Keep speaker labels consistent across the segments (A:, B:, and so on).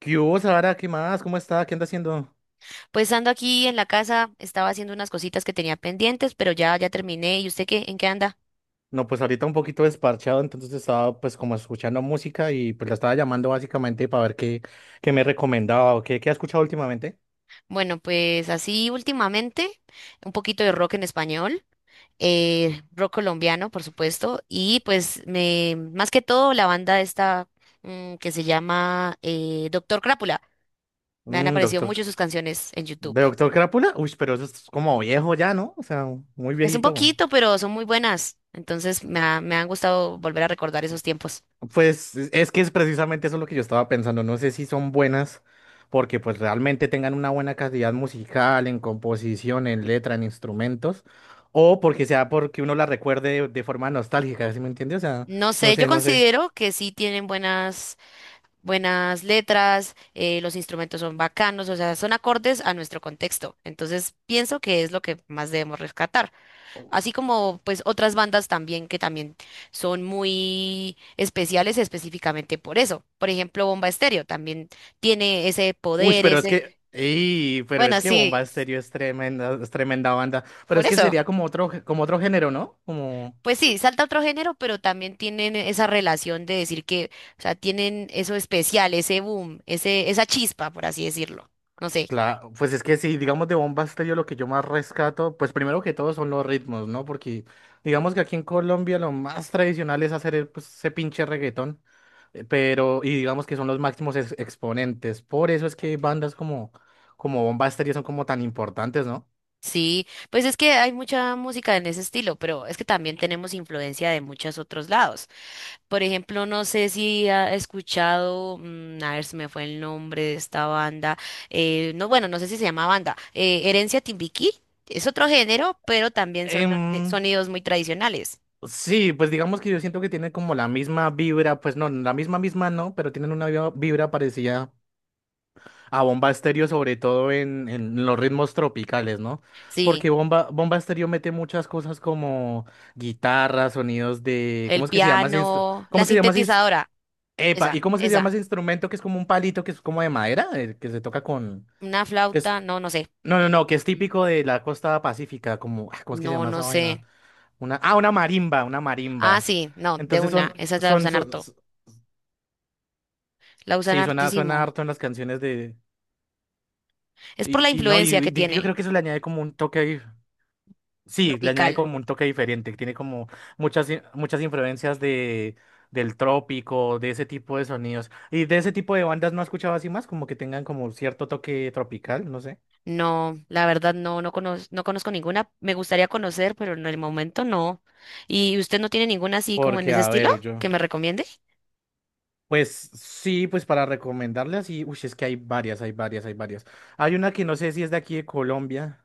A: ¿Qué hubo, Sara? ¿Qué más? ¿Cómo está? ¿Qué anda haciendo?
B: Pues ando aquí en la casa, estaba haciendo unas cositas que tenía pendientes, pero ya terminé. ¿Y usted qué? ¿En qué anda?
A: No, pues ahorita un poquito desparchado, entonces estaba pues como escuchando música y pues la estaba llamando básicamente para ver qué me recomendaba o qué ha escuchado últimamente.
B: Bueno, pues así últimamente, un poquito de rock en español, rock colombiano, por supuesto, y pues me más que todo la banda esta que se llama Doctor Crápula. Me han
A: Un
B: aparecido mucho
A: doctor,
B: sus canciones en YouTube.
A: ¿de Doctor Crápula? Uy, pero eso es como viejo ya, ¿no? O sea, muy
B: Es un
A: viejito.
B: poquito, pero son muy buenas. Entonces me han gustado volver a recordar esos tiempos.
A: Pues es que es precisamente eso lo que yo estaba pensando. No sé si son buenas porque pues realmente tengan una buena calidad musical, en composición, en letra, en instrumentos, o porque sea porque uno la recuerde de forma nostálgica, ¿sí me entiendes? O sea,
B: No sé, yo
A: no sé.
B: considero que sí tienen buenas letras, los instrumentos son bacanos, o sea, son acordes a nuestro contexto. Entonces, pienso que es lo que más debemos rescatar. Así como pues otras bandas también que también son muy especiales específicamente por eso. Por ejemplo, Bomba Estéreo también tiene ese
A: Uy,
B: poder,
A: pero es
B: ese,
A: que, pero
B: bueno,
A: es que
B: sí,
A: Bomba Estéreo es tremenda banda. Pero
B: por
A: es que
B: eso.
A: sería como otro, como otro género, ¿no? Como
B: Pues sí, salta otro género, pero también tienen esa relación de decir que, o sea, tienen eso especial, ese boom, ese, esa chispa, por así decirlo. No sé.
A: claro, pues es que si digamos de Bomba Estéreo lo que yo más rescato, pues primero que todo son los ritmos, ¿no? Porque digamos que aquí en Colombia lo más tradicional es hacer pues, ese pinche reggaetón, pero y digamos que son los máximos exponentes. Por eso es que bandas como Bomba Estéreo son como tan importantes, ¿no?
B: Sí, pues es que hay mucha música en ese estilo, pero es que también tenemos influencia de muchos otros lados. Por ejemplo, no sé si ha escuchado, a ver si me fue el nombre de esta banda, no, bueno, no sé si se llama banda, Herencia Timbiquí, es otro género, pero también son
A: Em,
B: sonidos muy tradicionales.
A: sí, pues digamos que yo siento que tienen como la misma vibra, pues no, la misma no, pero tienen una vibra parecida a Bomba Estéreo, sobre todo en los ritmos tropicales, ¿no?
B: Sí,
A: Porque Bomba Estéreo mete muchas cosas como guitarras, sonidos de.
B: el piano,
A: ¿Cómo
B: la
A: es que se llama ese
B: sintetizadora,
A: epa, ¿y
B: esa,
A: cómo es que se llama
B: esa,
A: ese instrumento que es como un palito que es como de madera? Que se toca con.
B: una
A: Que es...
B: flauta, no, no sé.
A: No, no,
B: Mm,
A: no, que es
B: mm.
A: típico de la costa pacífica, como. Ah, ¿cómo es que se
B: No,
A: llama
B: no
A: esa vaina?
B: sé.
A: Ah, una marimba, una
B: Ah,
A: marimba.
B: sí, no, de
A: Entonces
B: una,
A: son,
B: esas la
A: son,
B: usan
A: son,
B: harto. La usan
A: sí, suena
B: hartísimo.
A: harto en las canciones de.
B: Es por la
A: Y no,
B: influencia que
A: y yo creo
B: tiene
A: que eso le añade como un toque ahí. Sí, le añade como
B: tropical.
A: un toque diferente, que tiene como muchas influencias del trópico, de ese tipo de sonidos. Y de ese tipo de bandas no he escuchado así más, como que tengan como cierto toque tropical, no sé.
B: No, la verdad no, no conozco, no conozco ninguna. Me gustaría conocer, pero en el momento no. ¿Y usted no tiene ninguna así como en
A: Porque,
B: ese
A: a
B: estilo
A: ver, yo,
B: que me recomiende?
A: pues sí, pues para recomendarle así, uy, es que hay varias, hay varias, hay varias. Hay una que no sé si es de aquí de Colombia,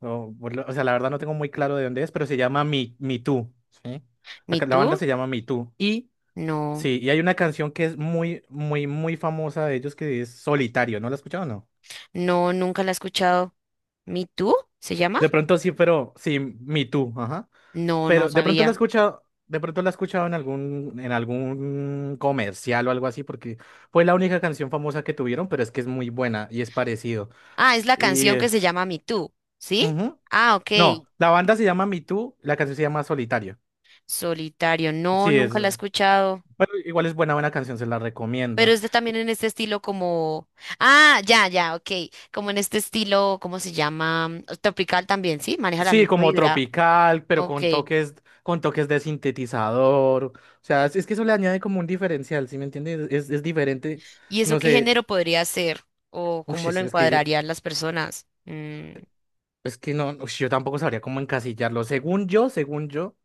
A: o sea, la verdad no tengo muy claro de dónde es, pero se llama Mi Tú, ¿sí?
B: ¿Me
A: La banda
B: Too?
A: se llama Mi. Y
B: No,
A: Sí, y hay una canción que es muy famosa de ellos que es Solitario, ¿no la has escuchado o no?
B: no, nunca la he escuchado. ¿Me Too? ¿Se llama?
A: De pronto sí, pero sí, Me Too, ajá.
B: No, no
A: Pero de pronto la he
B: sabía.
A: escuchado, de pronto la he escuchado en en algún comercial o algo así, porque fue la única canción famosa que tuvieron, pero es que es muy buena y es parecido.
B: Ah, es la
A: Y,
B: canción
A: eh,
B: que se llama Me Too, ¿sí?
A: ujú.
B: Ah, ok.
A: No, la banda se llama Me Too, la canción se llama Solitario.
B: Solitario. No,
A: Sí, es,
B: nunca la he
A: eh,
B: escuchado.
A: bueno, igual es buena, buena canción, se la
B: Pero
A: recomiendo.
B: es de también en este estilo como... Ah, ya, ya, ok. Como en este estilo, ¿cómo se llama? Tropical también, ¿sí? Maneja la
A: Sí,
B: misma
A: como
B: vibra.
A: tropical, pero
B: Ok.
A: con toques de sintetizador. O sea, es que eso le añade como un diferencial, ¿sí me entiendes? Es diferente,
B: ¿Y eso
A: no
B: qué
A: sé.
B: género podría ser? ¿O
A: Uy,
B: cómo lo
A: es, es que
B: encuadrarían las personas?
A: es que no, ush, yo tampoco sabría cómo encasillarlo. Según yo,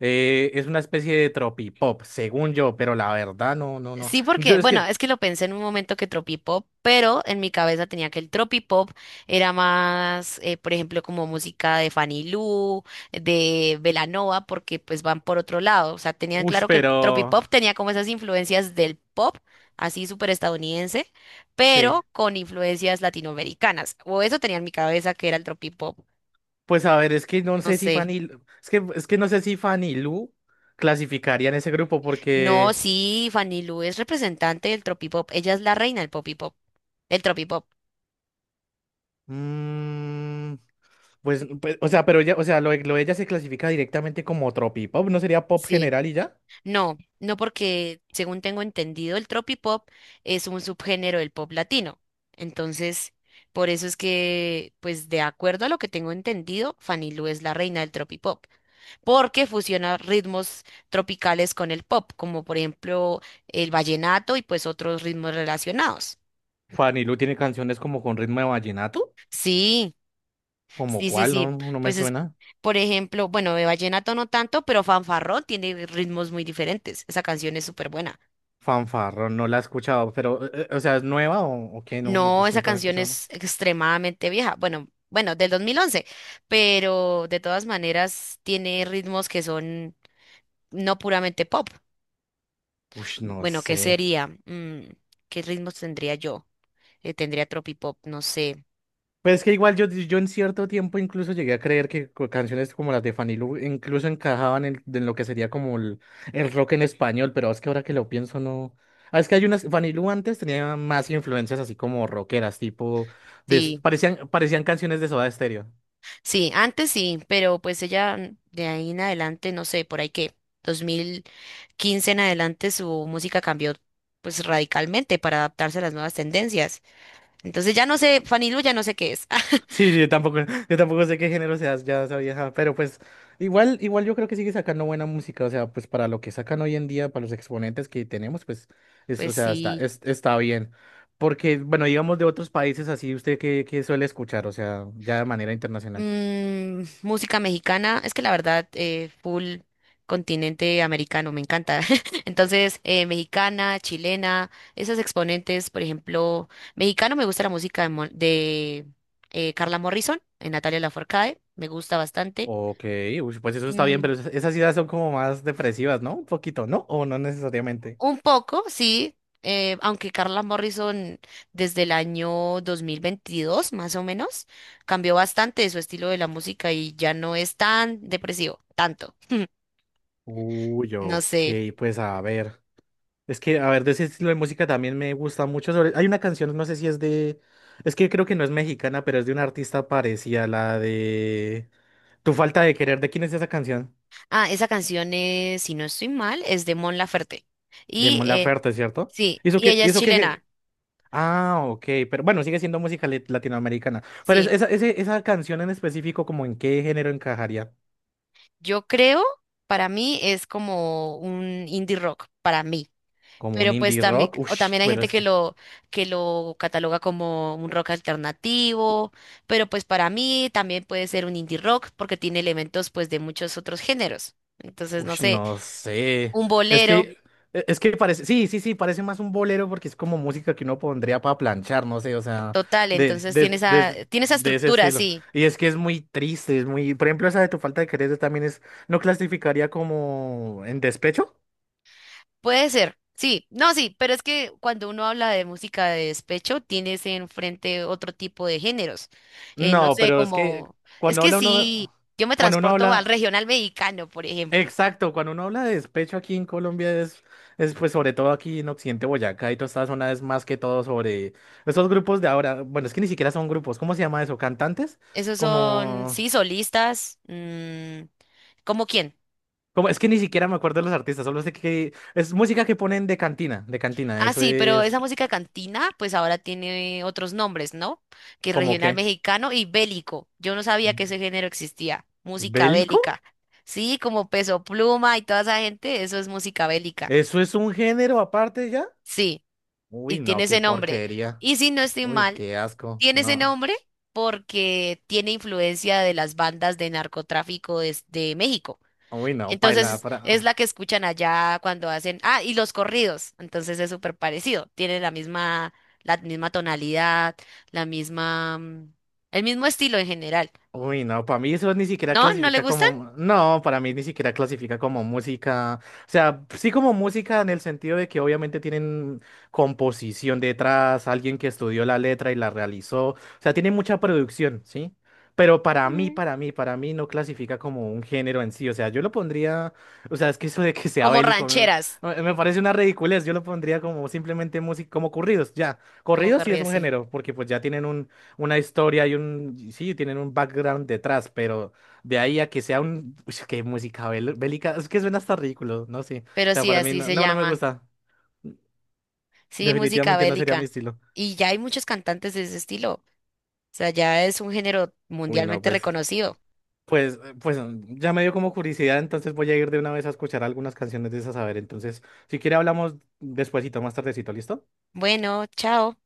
A: es una especie de tropipop, según yo, pero la verdad, no, no, no.
B: Sí,
A: Yo
B: porque,
A: es
B: bueno,
A: que,
B: es que lo pensé en un momento que tropipop, pero en mi cabeza tenía que el tropipop era más, por ejemplo, como música de Fanny Lu, de Belanova, porque pues van por otro lado. O sea, tenían
A: uy,
B: claro que el
A: pero
B: tropipop tenía como esas influencias del pop, así súper estadounidense,
A: sí.
B: pero con influencias latinoamericanas. O eso tenía en mi cabeza que era el tropipop.
A: Pues a ver, es que no
B: No
A: sé si
B: sé.
A: Es que, es que no sé si Fanny Lu clasificaría en ese grupo
B: No,
A: porque.
B: sí, Fanny Lu es representante del tropipop. Ella es la reina del popipop, del tropipop.
A: mm, Pues, pues, o sea, pero ella, o sea, lo de ella se clasifica directamente como tropipop, ¿no sería pop
B: Sí.
A: general y ya?
B: No, no porque, según tengo entendido, el tropipop es un subgénero del pop latino. Entonces, por eso es que, pues de acuerdo a lo que tengo entendido, Fanny Lu es la reina del tropipop, porque fusiona ritmos tropicales con el pop, como por ejemplo el vallenato y pues otros ritmos relacionados.
A: Fanny Lu tiene canciones como con ritmo de vallenato,
B: Sí,
A: como
B: sí, sí,
A: cuál, no,
B: sí.
A: no me
B: Pues es,
A: suena.
B: por ejemplo, bueno, de vallenato no tanto, pero fanfarrón tiene ritmos muy diferentes. Esa canción es súper buena.
A: Fanfarro, no la he escuchado, pero, o sea, ¿es nueva o qué? No, no,
B: No,
A: ush,
B: esa
A: nunca la he
B: canción
A: escuchado.
B: es extremadamente vieja. Bueno, bueno, del 2011. Pero de todas maneras tiene ritmos que son no puramente pop.
A: Uy, no
B: Bueno, ¿qué
A: sé.
B: sería? ¿Qué ritmos tendría yo? Tendría tropipop, no sé.
A: Pues es que igual yo en cierto tiempo incluso llegué a creer que canciones como las de Fanny Lu incluso encajaban en lo que sería como el rock en español, pero es que ahora que lo pienso no... Ah, es que hay unas... Fanny Lu antes tenía más influencias así como rockeras, tipo...
B: Sí,
A: parecían canciones de Soda Stereo.
B: sí, antes sí, pero pues ella de ahí en adelante, no sé, por ahí que 2015 en adelante su música cambió pues radicalmente para adaptarse a las nuevas tendencias. Entonces ya no sé, Fanny Lu ya no sé qué es.
A: Sí, sí, yo tampoco sé qué género seas, ya sabía, ajá, pero pues igual, igual yo creo que sigue sacando buena música, o sea, pues para lo que sacan hoy en día, para los exponentes que tenemos, pues, o
B: Pues
A: sea,
B: sí.
A: está bien. Porque, bueno, digamos de otros países así, ¿usted qué suele escuchar? O sea, ya de manera internacional.
B: Música mexicana, es que la verdad, full continente americano, me encanta. Entonces, mexicana, chilena, esos exponentes, por ejemplo, mexicano me gusta la música de, Carla Morrison, Natalia Lafourcade, me gusta bastante.
A: Ok, uy, pues eso está bien,
B: Mm,
A: pero esas ideas son como más depresivas, ¿no? Un poquito, ¿no? O no necesariamente.
B: un poco, sí, aunque Carla Morrison desde el año 2022 más o menos, cambió bastante su estilo de la música y ya no es tan depresivo, tanto.
A: Uy,
B: No
A: ok,
B: sé.
A: pues a ver. De ese estilo de música también me gusta mucho. Hay una canción, no sé si es de... Es que creo que no es mexicana, pero es de una artista parecida, la de... Tu falta de querer, ¿de quién es esa canción?
B: Ah, esa canción es, si no estoy mal, es de Mon Laferte.
A: De
B: Y
A: Mon Laferte, ¿cierto?
B: sí, y ella es
A: ¿Eso que
B: chilena.
A: Ah, ok, pero bueno, sigue siendo música latinoamericana. Pero
B: Sí,
A: esa canción en específico, ¿como en qué género encajaría?
B: yo creo, para mí es como un indie rock, para mí.
A: ¿Como un
B: Pero pues
A: indie
B: también,
A: rock?
B: o
A: Ush,
B: también hay
A: pero
B: gente
A: es que...
B: que lo cataloga como un rock alternativo, pero pues para mí también puede ser un indie rock porque tiene elementos pues de muchos otros géneros. Entonces, no
A: Ush,
B: sé,
A: no sé.
B: un
A: Es
B: bolero,
A: que,
B: sí,
A: es que parece, sí, sí, sí, parece más un bolero porque es como música que uno pondría para planchar, no sé, o sea,
B: total, entonces tiene esa
A: de ese
B: estructura,
A: estilo.
B: sí.
A: Y es que es muy triste, es muy, por ejemplo, esa de tu falta de querer también es, ¿no clasificaría como en despecho?
B: Puede ser, sí, no, sí, pero es que cuando uno habla de música de despecho, tienes enfrente otro tipo de géneros. No
A: No,
B: sé,
A: pero es que
B: como, es
A: cuando
B: que
A: habla
B: sí,
A: uno,
B: yo me
A: cuando uno
B: transporto al
A: habla...
B: regional mexicano, por ejemplo.
A: Exacto, cuando uno habla de despecho aquí en Colombia es pues sobre todo aquí en Occidente Boyacá y toda esta zona es más que todo sobre esos grupos de ahora, bueno, es que ni siquiera son grupos, ¿cómo se llama eso? ¿Cantantes?
B: Esos son,
A: Como,
B: sí, solistas, ¿cómo quién?
A: como es que ni siquiera me acuerdo de los artistas, solo sé que es música que ponen de cantina,
B: Ah,
A: eso
B: sí, pero esa
A: es
B: música cantina, pues ahora tiene otros nombres, ¿no? Que
A: como
B: regional
A: que
B: mexicano y bélico. Yo no sabía que ese género existía, música
A: bélico,
B: bélica. Sí, como Peso Pluma y toda esa gente, eso es música bélica.
A: eso es un género aparte ya.
B: Sí, y
A: Uy,
B: tiene
A: no, qué
B: ese nombre.
A: porquería.
B: Y si no estoy
A: Uy,
B: mal,
A: qué asco.
B: tiene ese
A: No.
B: nombre porque tiene influencia de las bandas de narcotráfico de, México.
A: Uy, no,
B: Entonces
A: paila
B: es la
A: para
B: que escuchan allá cuando hacen, ah, y los corridos. Entonces es súper parecido. Tiene la misma tonalidad, la misma, el mismo estilo en general.
A: uy, no, para mí eso ni siquiera
B: ¿No? ¿No le
A: clasifica
B: gustan?
A: como, no, para mí ni siquiera clasifica como música, o sea, sí como música en el sentido de que obviamente tienen composición detrás, alguien que estudió la letra y la realizó, o sea, tiene mucha producción, ¿sí? Pero
B: Mm.
A: para mí no clasifica como un género en sí, o sea, yo lo pondría, o sea, es que eso de que sea
B: Como
A: bélico
B: rancheras,
A: me parece una ridiculez, yo lo pondría como simplemente música, como corridos, ya,
B: como
A: corridos sí
B: corrido
A: es un
B: así.
A: género, porque pues ya tienen una historia y un, sí, tienen un background detrás, pero de ahí a que sea un, uy, qué música bélica, es que suena hasta ridículo, no sé, o
B: Pero
A: sea,
B: sí,
A: para mí
B: así
A: no,
B: se
A: no, no me
B: llama.
A: gusta,
B: Sí, música
A: definitivamente no sería mi
B: bélica.
A: estilo.
B: Y ya hay muchos cantantes de ese estilo. Sea, ya es un género
A: Uy, no,
B: mundialmente
A: pues
B: reconocido.
A: pues, pues ya me dio como curiosidad, entonces voy a ir de una vez a escuchar algunas canciones de esas, a ver, entonces, si quiere hablamos despuesito, más tardecito, ¿listo?
B: Bueno, chao.